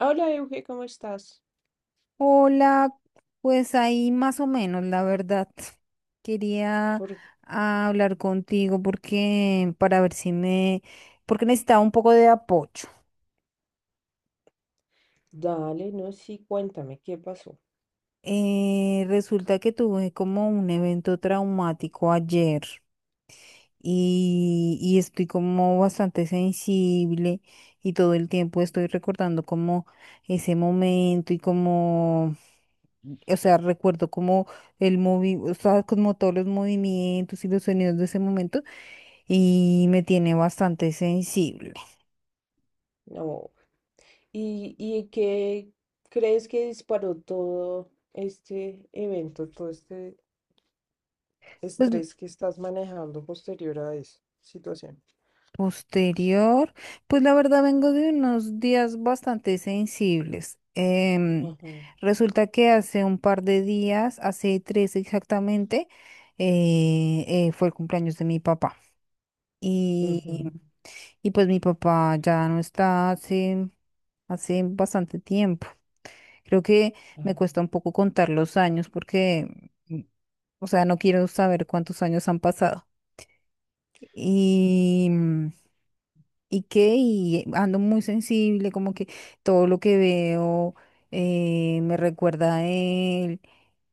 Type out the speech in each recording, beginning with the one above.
Hola, Euge, ¿cómo estás? Hola, pues ahí más o menos, la verdad. Quería Por... hablar contigo porque para ver si me, porque necesitaba un poco de apoyo. Dale, no, sí, cuéntame, ¿qué pasó? Resulta que tuve como un evento traumático ayer. Y estoy como bastante sensible y todo el tiempo estoy recordando como ese momento y como, o sea, recuerdo como o sea, como todos los movimientos y los sonidos de ese momento y me tiene bastante sensible. No, ¿y, qué crees que disparó todo este evento, todo este Pues estrés que estás manejando posterior a esa situación? posterior, pues la verdad vengo de unos días bastante sensibles. Ajá, Resulta que hace un par de días, hace tres exactamente, fue el cumpleaños de mi papá. Y, ujú, y pues mi papá ya no está hace, hace bastante tiempo. Creo que me ajá. cuesta un poco contar los años porque, mm, o sea, no quiero saber cuántos años han pasado. Y y ando muy sensible, como que todo lo que veo me recuerda a él.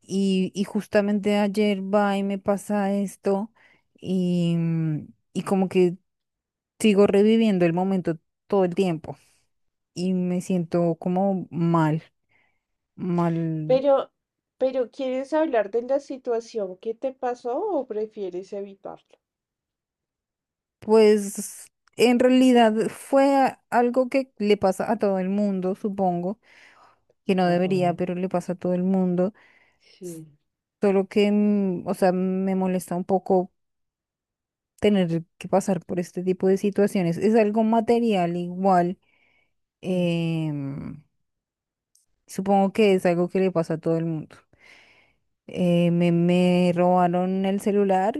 Y justamente ayer va y me pasa esto y, y como que sigo reviviendo el momento todo el tiempo y me siento como mal, mal. Pero, ¿quieres hablar de la situación que te pasó o prefieres evitarlo? Pues en realidad fue algo que le pasa a todo el mundo, supongo, que no Ajá, debería, pero le pasa a todo el mundo. sí. Solo que, o sea, me molesta un poco tener que pasar por este tipo de situaciones. Es algo material igual. Ujú. em, Supongo que es algo que le pasa a todo el mundo. Me robaron el celular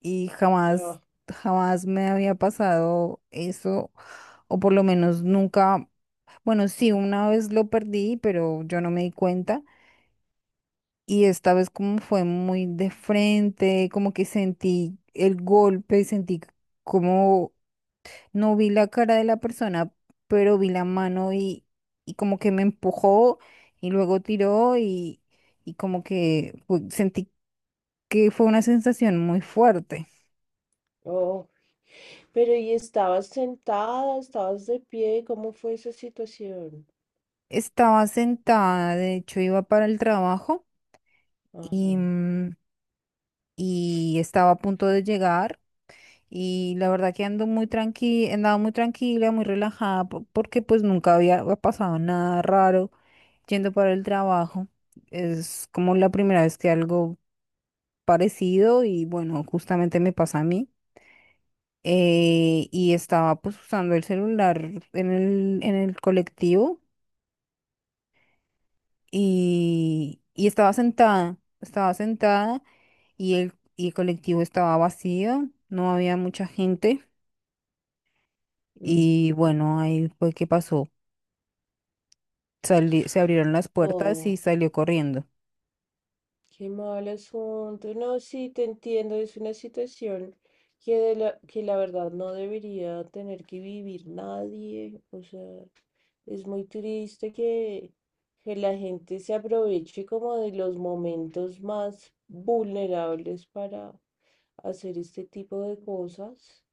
y jamás, jamás me había pasado eso. O por lo menos nunca, bueno, sí, una vez lo perdí, pero yo no me di cuenta. Y esta vez como fue muy de frente, como que sentí el golpe, sentí como no vi la cara de la persona, pero vi la mano y como que me empujó y luego tiró y como que sentí que fue una sensación muy fuerte. Ah, pero ¿y estabas sentada, estabas de pie? ¿Cómo fue esa situación? Estaba sentada, de hecho iba para el trabajo Ajá. y, y estaba a punto de llegar. Y la verdad que ando muy tranquila, andaba muy tranquila, muy relajada, porque pues nunca había pasado nada raro yendo para el trabajo. Es como la primera vez que algo parecido y bueno, justamente me pasa a mí. Y estaba pues usando el celular en en el colectivo y estaba sentada y y el colectivo estaba vacío, no había mucha gente. Ujú. Y bueno, ahí fue que pasó. Se abrieron las puertas y Oh, salió corriendo. qué mal asunto. No, sí, te entiendo. Es una situación que, que la verdad no debería tener que vivir nadie. O sea, es muy triste que, la gente se aproveche como de los momentos más vulnerables para hacer este tipo de cosas.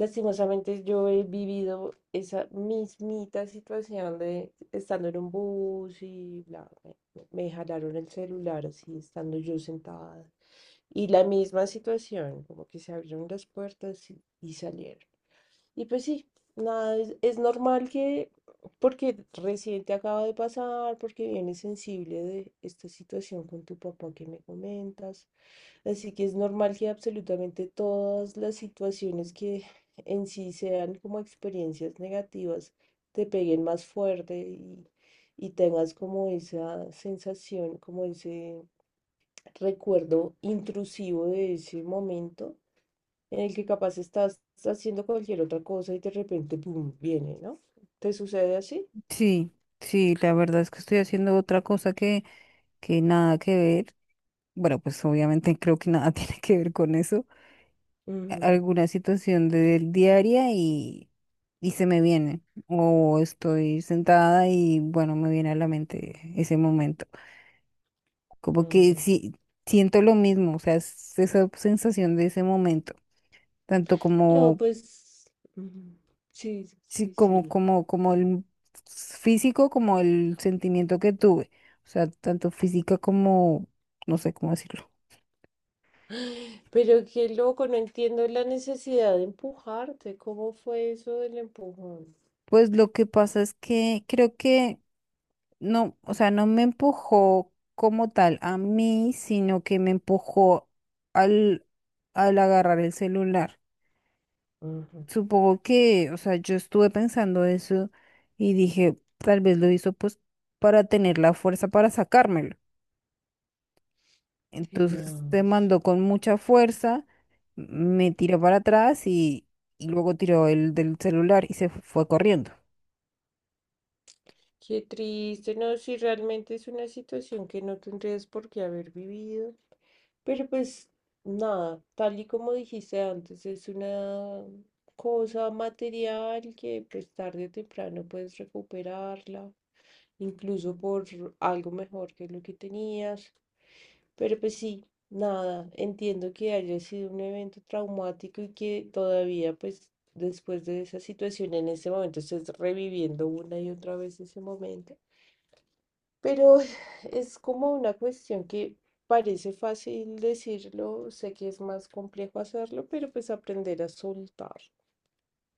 Lastimosamente yo he vivido esa mismita situación de estando en un bus y bla, me jalaron el celular así, estando yo sentada. Y la misma situación, como que se abrieron las puertas y salieron. Y pues sí, nada, es normal que, porque recién te acaba de pasar, porque vienes sensible de esta situación con tu papá que me comentas. Así que es normal que absolutamente todas las situaciones que en sí sean como experiencias negativas te peguen más fuerte y tengas como esa sensación, como ese recuerdo intrusivo de ese momento en el que capaz estás haciendo cualquier otra cosa y de repente, ¡pum!, viene, ¿no? ¿Te sucede así? Sí, sí, la verdad es que estoy haciendo otra cosa que nada que ver. Bueno, pues obviamente creo que nada tiene que ver con eso. Ujú, Alguna situación de, diaria y se me viene. O estoy sentada y bueno, me viene a la mente ese momento. Como que ujú. sí, siento lo mismo, o sea, es esa sensación de ese momento. Tanto No, como pues ujú, sí, sí, sí, como, sí. Como el físico, como el sentimiento que tuve. O sea, tanto física como, no sé cómo decirlo. Pero qué loco, no entiendo la necesidad de empujarte. ¿Cómo fue eso del empujón? Pues lo que pasa es que creo que no, o sea, no me empujó como tal a mí, sino que me empujó al, al agarrar el celular. Ujú. Supongo que, o sea, yo estuve pensando eso y dije, tal vez lo hizo pues para tener la fuerza para sacármelo. Entonces te Tenaz. mando con mucha fuerza, me tiró para atrás y luego tiró el del celular y se fue corriendo. Qué triste, no, si realmente es una situación que no tendrías por qué haber vivido. Pero pues nada, tal y como dijiste antes, es una cosa material que pues tarde o temprano puedes recuperarla. Incluso por algo mejor que lo que tenías. Pero pues sí, nada, entiendo que haya sido un evento traumático y que todavía pues después de esa situación en ese momento estés reviviendo una y otra vez ese momento. Pero es como una cuestión que parece fácil decirlo, sé que es más complejo hacerlo, pero pues aprender a soltar.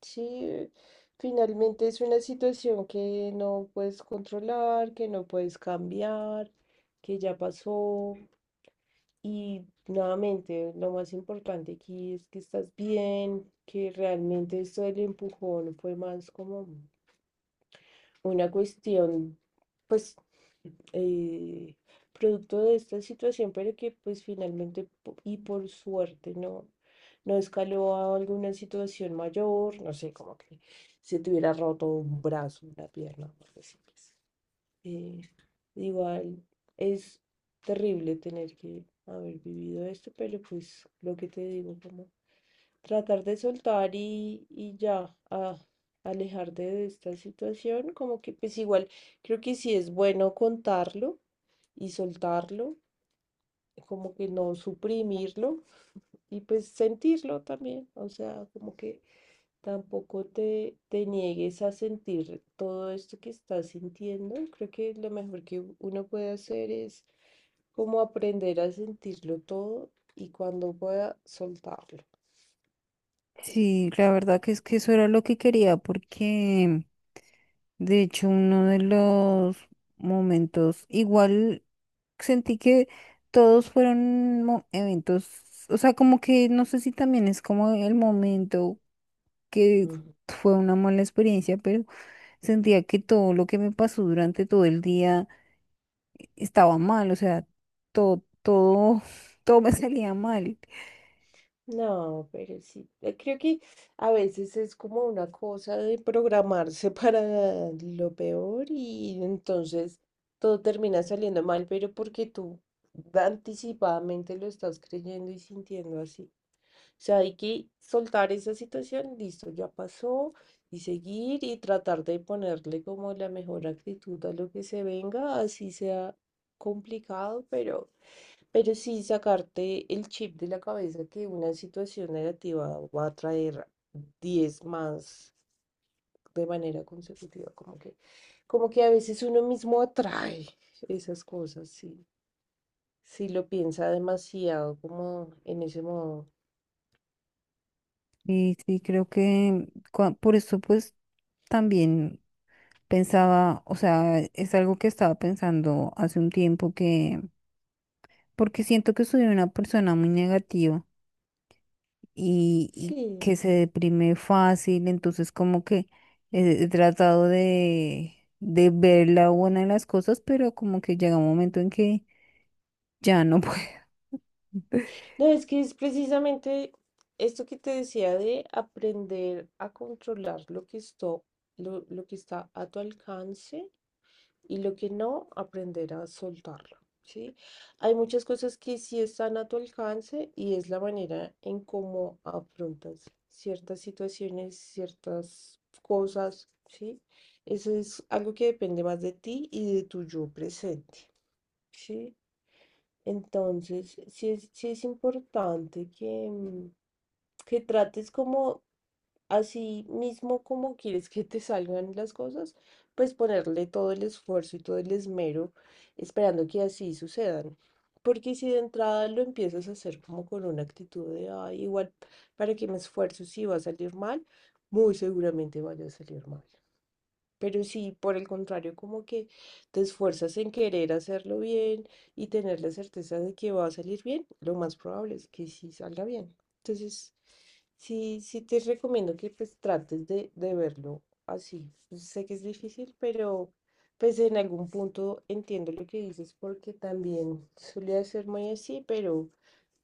Sí, finalmente es una situación que no puedes controlar, que no puedes cambiar, que ya pasó. Y nuevamente, lo más importante aquí es que estás bien, que realmente esto del empujón fue más como una cuestión, pues, eh, producto de esta situación, pero que pues finalmente y por suerte no, no escaló a alguna situación mayor, no sé, como que se te hubiera roto un brazo, una pierna, o algo así, pues. Eh, igual es terrible tener que haber vivido esto, pero pues lo que te digo, como tratar de soltar y ya, a alejar de esta situación, como que pues igual creo que sí es bueno contarlo y soltarlo, como que no suprimirlo y pues sentirlo también, o sea, como que tampoco te, te niegues a sentir todo esto que estás sintiendo, creo que lo mejor que uno puede hacer es como aprender a sentirlo todo y cuando pueda soltarlo. Sí, la verdad que es que eso era lo que quería porque... De hecho, uno de los momentos, igual sentí que todos fueron eventos, o sea, como que no sé si también es como el momento que Ujú. fue una mala experiencia, pero sentía que todo lo que me pasó durante todo el día estaba mal, o sea, todo, todo, todo me salía mal. No, pero sí, creo que a veces es como una cosa de programarse para lo peor y entonces todo termina saliendo mal, pero porque tú anticipadamente lo estás creyendo y sintiendo así. O sea, hay que soltar esa situación, listo, ya pasó, y seguir y tratar de ponerle como la mejor actitud a lo que se venga, así sea complicado, pero, sí sacarte el chip de la cabeza que una situación negativa va a traer 10 más de manera consecutiva, como que a veces uno mismo atrae esas cosas, sí, si lo piensa demasiado como en ese modo. Y sí, creo que por eso pues también. Pensaba, o sea, es algo que estaba pensando hace un tiempo que, porque siento que soy una persona muy negativa y que Sí. se deprime fácil, entonces como que he tratado de ver la buena de las cosas, pero como que llega un momento en que ya no puedo. No, es que es precisamente esto que te decía de aprender a controlar lo que lo que está a tu alcance y lo que no, aprender a soltarlo, ¿sí? Hay muchas cosas que sí están a tu alcance y es la manera en cómo afrontas ciertas situaciones, ciertas cosas, ¿sí? Eso es algo que depende más de ti y de tu yo presente, ¿sí? Entonces, sí es importante que, que trates como así mismo como quieres que te salgan las cosas, pues ponerle todo el esfuerzo y todo el esmero esperando que así sucedan. Porque si de entrada lo empiezas a hacer como con una actitud de, "Ay, igual, ¿para que me esfuerzo si va a salir mal? Muy seguramente vaya a salir mal." Pero si por el contrario como que te esfuerzas en querer hacerlo bien y tener la certeza de que va a salir bien, lo más probable es que sí salga bien. Entonces, sí, sí te recomiendo que pues trates de verlo así. Sé que es difícil, pero pues en algún punto entiendo lo que dices porque también solía ser muy así, pero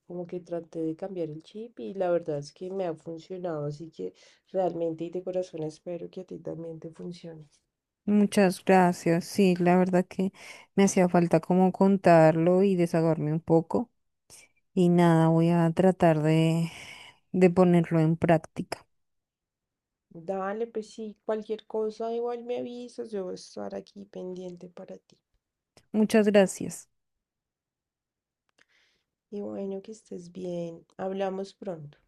como que traté de cambiar el chip y la verdad es que me ha funcionado, así que realmente y de corazón espero que a ti también te funcione. Muchas gracias, sí, la verdad que me hacía falta como contarlo y desahogarme un poco y nada, voy a tratar de ponerlo en práctica. Dale, pues sí, cualquier cosa igual me avisas, yo voy a estar aquí pendiente para ti. Muchas gracias. Y bueno, que estés bien. Hablamos pronto.